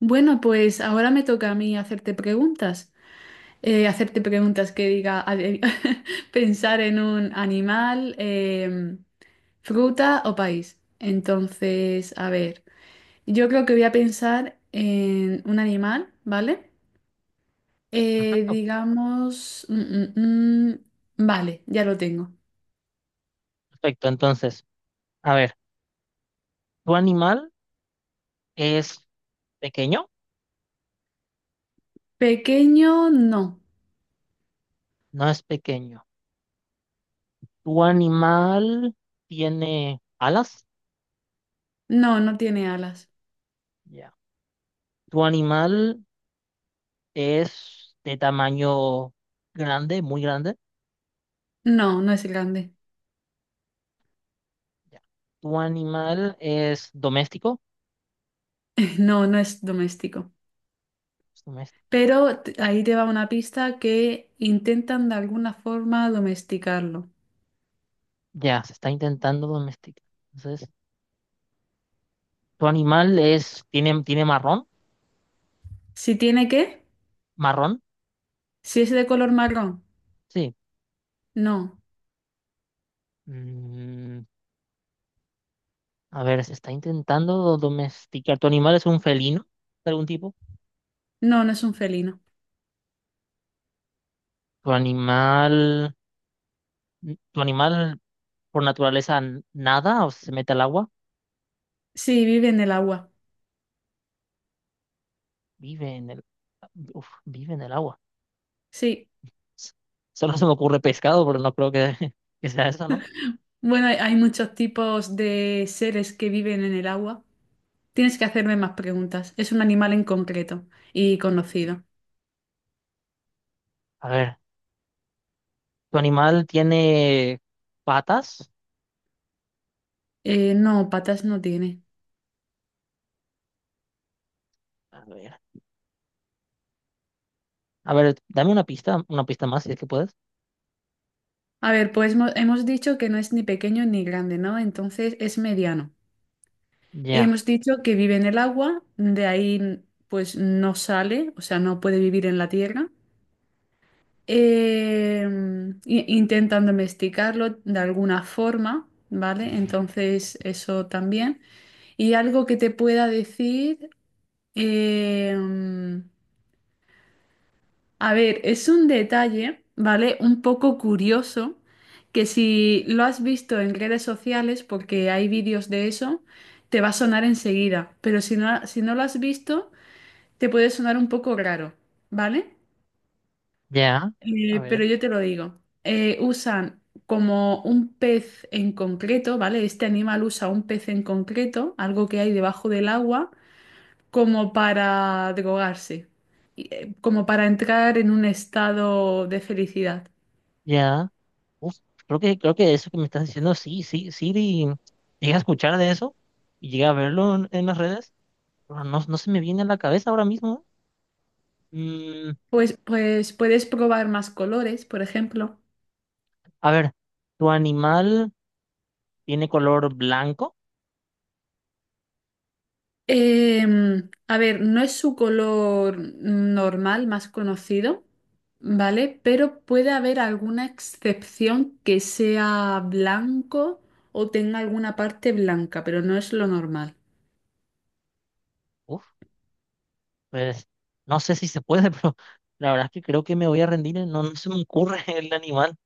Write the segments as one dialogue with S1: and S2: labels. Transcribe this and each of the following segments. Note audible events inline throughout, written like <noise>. S1: Bueno, pues ahora me toca a mí hacerte preguntas. Hacerte preguntas que diga <laughs> pensar en un animal, fruta o país. Entonces, a ver, yo creo que voy a pensar en un animal, ¿vale?
S2: Perfecto,
S1: Digamos, vale, ya lo tengo.
S2: perfecto. Entonces, a ver, ¿tu animal es pequeño?
S1: Pequeño, no.
S2: No es pequeño. ¿Tu animal tiene alas?
S1: No, no tiene alas.
S2: Ya. ¿Tu animal es de tamaño grande, muy grande?
S1: No, no es grande.
S2: Ya. ¿Tu animal es doméstico?
S1: <laughs> No, no es doméstico.
S2: Es doméstico.
S1: Pero ahí te va una pista que intentan de alguna forma domesticarlo.
S2: Ya, se está intentando domesticar. Entonces, ¿tu animal es, tiene marrón?
S1: Si tiene qué,
S2: ¿Marrón?
S1: si es de color marrón,
S2: Sí.
S1: no,
S2: Mm, a ver, se está intentando domesticar. ¿Tu animal es un felino? ¿De algún tipo?
S1: no, no es un felino.
S2: ¿Tu animal, tu animal por naturaleza nada o se mete al agua?
S1: Sí, vive en el agua.
S2: Vive en uf, vive en el agua.
S1: Sí.
S2: S- Solo se me ocurre pescado, pero no creo que, <laughs> que sea eso, ¿no?
S1: Bueno, hay muchos tipos de seres que viven en el agua. Tienes que hacerme más preguntas. Es un animal en concreto y conocido.
S2: A ver, ¿tu animal tiene patas?
S1: No, patas no tiene.
S2: A ver, a ver, dame una pista más si es que puedes.
S1: A ver, pues hemos dicho que no es ni pequeño ni grande, ¿no? Entonces es mediano.
S2: Ya,
S1: Hemos dicho que vive en el agua, de ahí pues no sale, o sea, no puede vivir en la tierra. Eh, intentan domesticarlo de alguna forma, ¿vale? Entonces eso también. Y algo que te pueda decir, eh, a ver, es un detalle, ¿vale? Un poco curioso, que si lo has visto en redes sociales, porque hay vídeos de eso, te va a sonar enseguida, pero si no lo has visto, te puede sonar un poco raro, ¿vale?
S2: ya, a
S1: Pero
S2: ver,
S1: yo te lo digo. Usan como un pez en concreto, ¿vale? Este animal usa un pez en concreto, algo que hay debajo del agua, como para drogarse, y, como para entrar en un estado de felicidad.
S2: ya. Uf, creo que eso que me estás diciendo, sí, sí, sí, llegué a escuchar de eso y llegué a verlo en las redes, pero no, no se me viene a la cabeza ahora mismo. Mm,
S1: Pues, puedes probar más colores, por ejemplo.
S2: a ver, ¿tu animal tiene color blanco?
S1: A ver, no es su color normal más conocido, ¿vale? Pero puede haber alguna excepción que sea blanco o tenga alguna parte blanca, pero no es lo normal.
S2: Uf, pues no sé si se puede, <laughs> pero la verdad es que creo que me voy a rendir. No, no se me ocurre <laughs> el animal.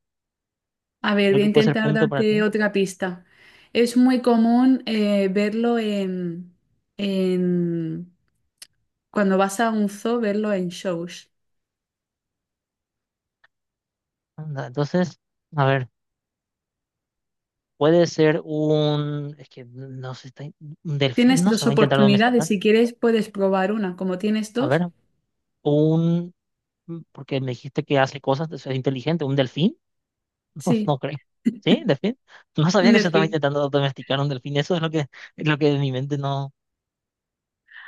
S1: A ver,
S2: Creo
S1: voy a
S2: que puede ser
S1: intentar
S2: punto para
S1: darte
S2: ti.
S1: otra pista. Es muy común, verlo en... cuando vas a un zoo, verlo en shows.
S2: Anda, entonces, a ver, puede ser un... Es que no sé, un delfín,
S1: Tienes
S2: ¿no? Se
S1: dos
S2: va a intentar domesticar.
S1: oportunidades. Si quieres, puedes probar una. Como tienes
S2: A
S1: dos,
S2: ver, un... Porque me dijiste que hace cosas, es inteligente. ¿Un delfín? <laughs> No, no
S1: sí,
S2: creo. ¿Sí? ¿Delfín? No sabía
S1: un
S2: que se estaba
S1: delfín.
S2: intentando domesticar un delfín. Eso es es lo que en mi mente no...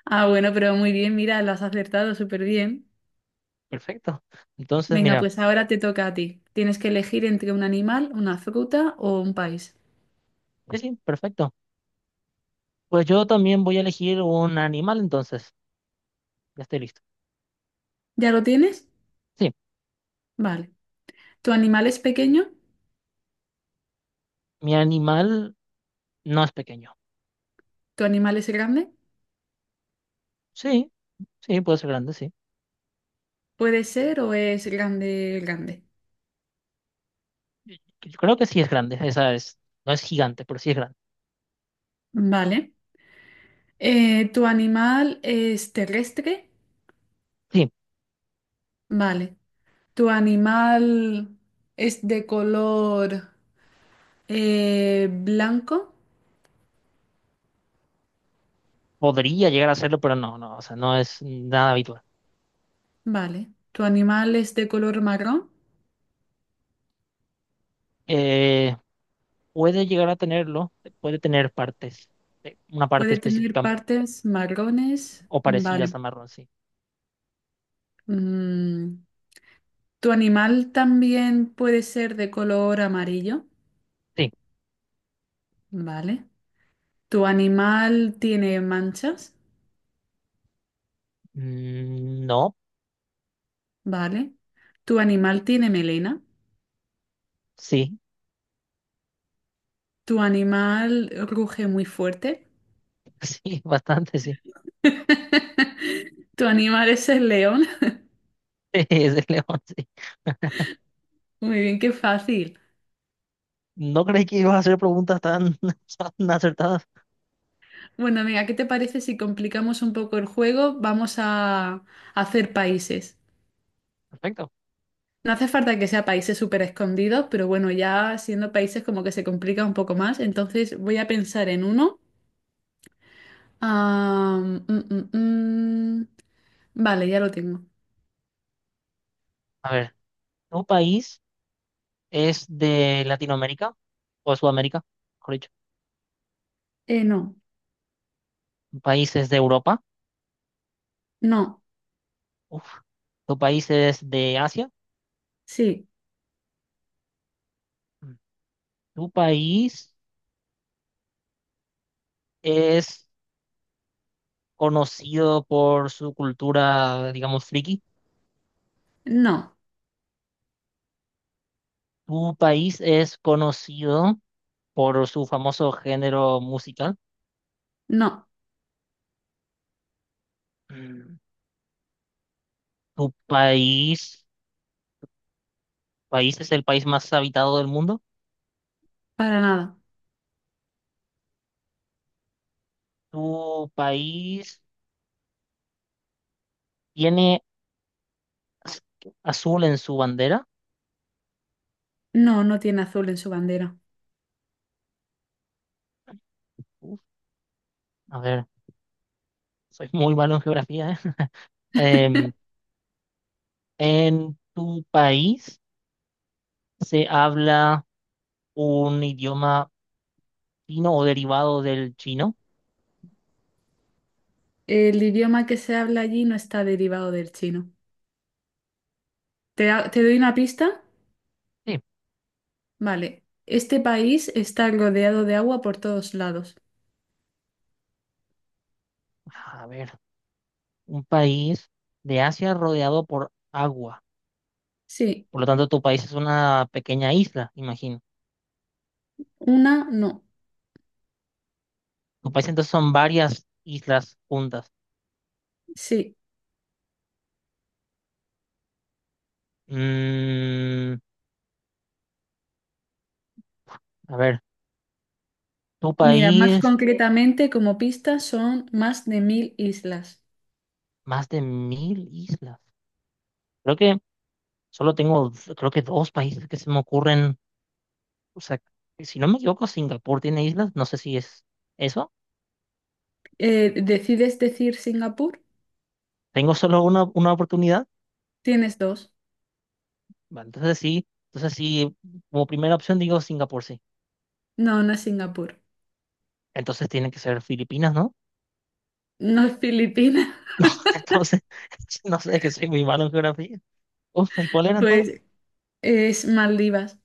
S1: Ah, bueno, pero muy bien, mira, lo has acertado súper bien.
S2: Perfecto. Entonces,
S1: Venga,
S2: mira,
S1: pues ahora te toca a ti. Tienes que elegir entre un animal, una fruta o un país.
S2: sí, sí, perfecto. Pues yo también voy a elegir un animal, entonces. Ya estoy listo.
S1: ¿Ya lo tienes?
S2: Sí,
S1: Vale. ¿Tu animal es pequeño?
S2: mi animal no es pequeño.
S1: ¿Tu animal es grande?
S2: Sí, sí, puede ser grande, sí.
S1: ¿Puede ser o es grande, grande?
S2: Yo creo que sí es grande. No es gigante, pero sí es grande.
S1: Vale. ¿Tu animal es terrestre?
S2: Sí,
S1: Vale. ¿Tu animal es de color blanco?
S2: podría llegar a serlo, pero no, no, o sea, no es nada habitual.
S1: Vale. ¿Tu animal es de color marrón?
S2: Eh, puede llegar a tenerlo, puede tener partes, una parte
S1: Puede tener
S2: específica
S1: partes marrones.
S2: o parecidas
S1: Vale.
S2: a marrón, sí.
S1: Mm, ¿Tu animal también puede ser de color amarillo?
S2: Sí.
S1: Vale. ¿Tu animal tiene manchas?
S2: Mm, no,
S1: Vale. ¿Tu animal tiene melena?
S2: sí,
S1: ¿Tu animal ruge muy fuerte?
S2: <laughs> sí, bastante, sí.
S1: <laughs> ¿Tu animal es el león?
S2: <laughs> Es de león, sí.
S1: Muy bien, qué fácil.
S2: No creí que ibas a hacer preguntas tan, <laughs> tan acertadas.
S1: Bueno, amiga, ¿qué te parece si complicamos un poco el juego? Vamos a hacer países.
S2: Perfecto.
S1: No hace falta que sea países súper escondidos, pero bueno, ya siendo países como que se complica un poco más. Entonces voy a pensar en uno. Ah, mm, mm, mm. Vale, ya lo tengo.
S2: A ver, ¿tu país es de Latinoamérica o de Sudamérica? Mejor dicho,
S1: No,
S2: ¿tu país es de Europa?
S1: no,
S2: Uf. ¿Tu país es de Asia?
S1: sí,
S2: Mm. ¿Tu país es conocido por su cultura, digamos, friki?
S1: no,
S2: ¿Tu país es conocido por su famoso género musical?
S1: no,
S2: Mm. ¿Tu país, país es el país más habitado del mundo?
S1: para nada.
S2: ¿Tu país ¿tiene az- azul en su bandera?
S1: No, no tiene azul en su bandera.
S2: Uf, a ver, soy muy malo en geografía, ¿eh? <laughs> Em, ¿En tu país se habla un idioma chino o derivado del chino?
S1: El idioma que se habla allí no está derivado del chino. ¿Te doy una pista?
S2: Sí.
S1: Vale. Este país está rodeado de agua por todos lados.
S2: A ver, un país de Asia rodeado por agua.
S1: Sí,
S2: Por lo tanto, tu país es una pequeña isla, imagino.
S1: una, no.
S2: Tu país entonces son varias islas juntas.
S1: Sí.
S2: Mm, a ver, tu
S1: Mira, más
S2: país,
S1: concretamente, como pista, son más de 1.000 islas.
S2: más de 1000 islas. Creo que solo tengo, creo que 2 países que se me ocurren. O sea, que si no me equivoco, Singapur tiene islas. No sé si es eso.
S1: ¿Decides decir Singapur?
S2: Tengo solo una oportunidad.
S1: Tienes dos.
S2: Bueno, entonces sí, como primera opción digo Singapur, sí.
S1: No, no es Singapur.
S2: Entonces tiene que ser Filipinas, ¿no? <laughs>
S1: No es Filipinas,
S2: No, entonces, <laughs> no sé, que soy muy malo en geografía. Uf, ¿y cuál
S1: <laughs>
S2: era entonces?
S1: pues es Maldivas.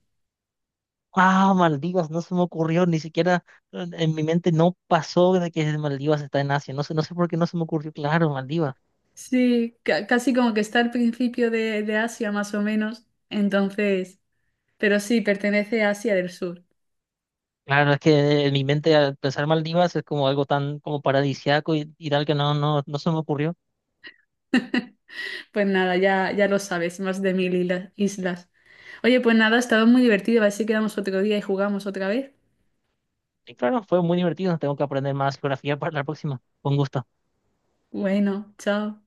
S2: Ah, Maldivas, no se me ocurrió, ni siquiera en mi mente no pasó de que Maldivas está en Asia. No sé, no sé por qué no se me ocurrió. Claro, Maldivas.
S1: Sí, casi como que está al principio de, Asia, más o menos. Entonces, pero sí, pertenece a Asia del Sur.
S2: Claro, es que en mi mente al pensar Maldivas es como algo tan como paradisíaco y tal que no, no, no se me ocurrió.
S1: Pues nada, ya, ya lo sabes, más de 1.000 islas. Oye, pues nada, ha estado muy divertido. A ver si quedamos otro día y jugamos otra vez.
S2: Y claro, fue muy divertido. Tengo que aprender más geografía para la próxima. Con gusto.
S1: Bueno, chao.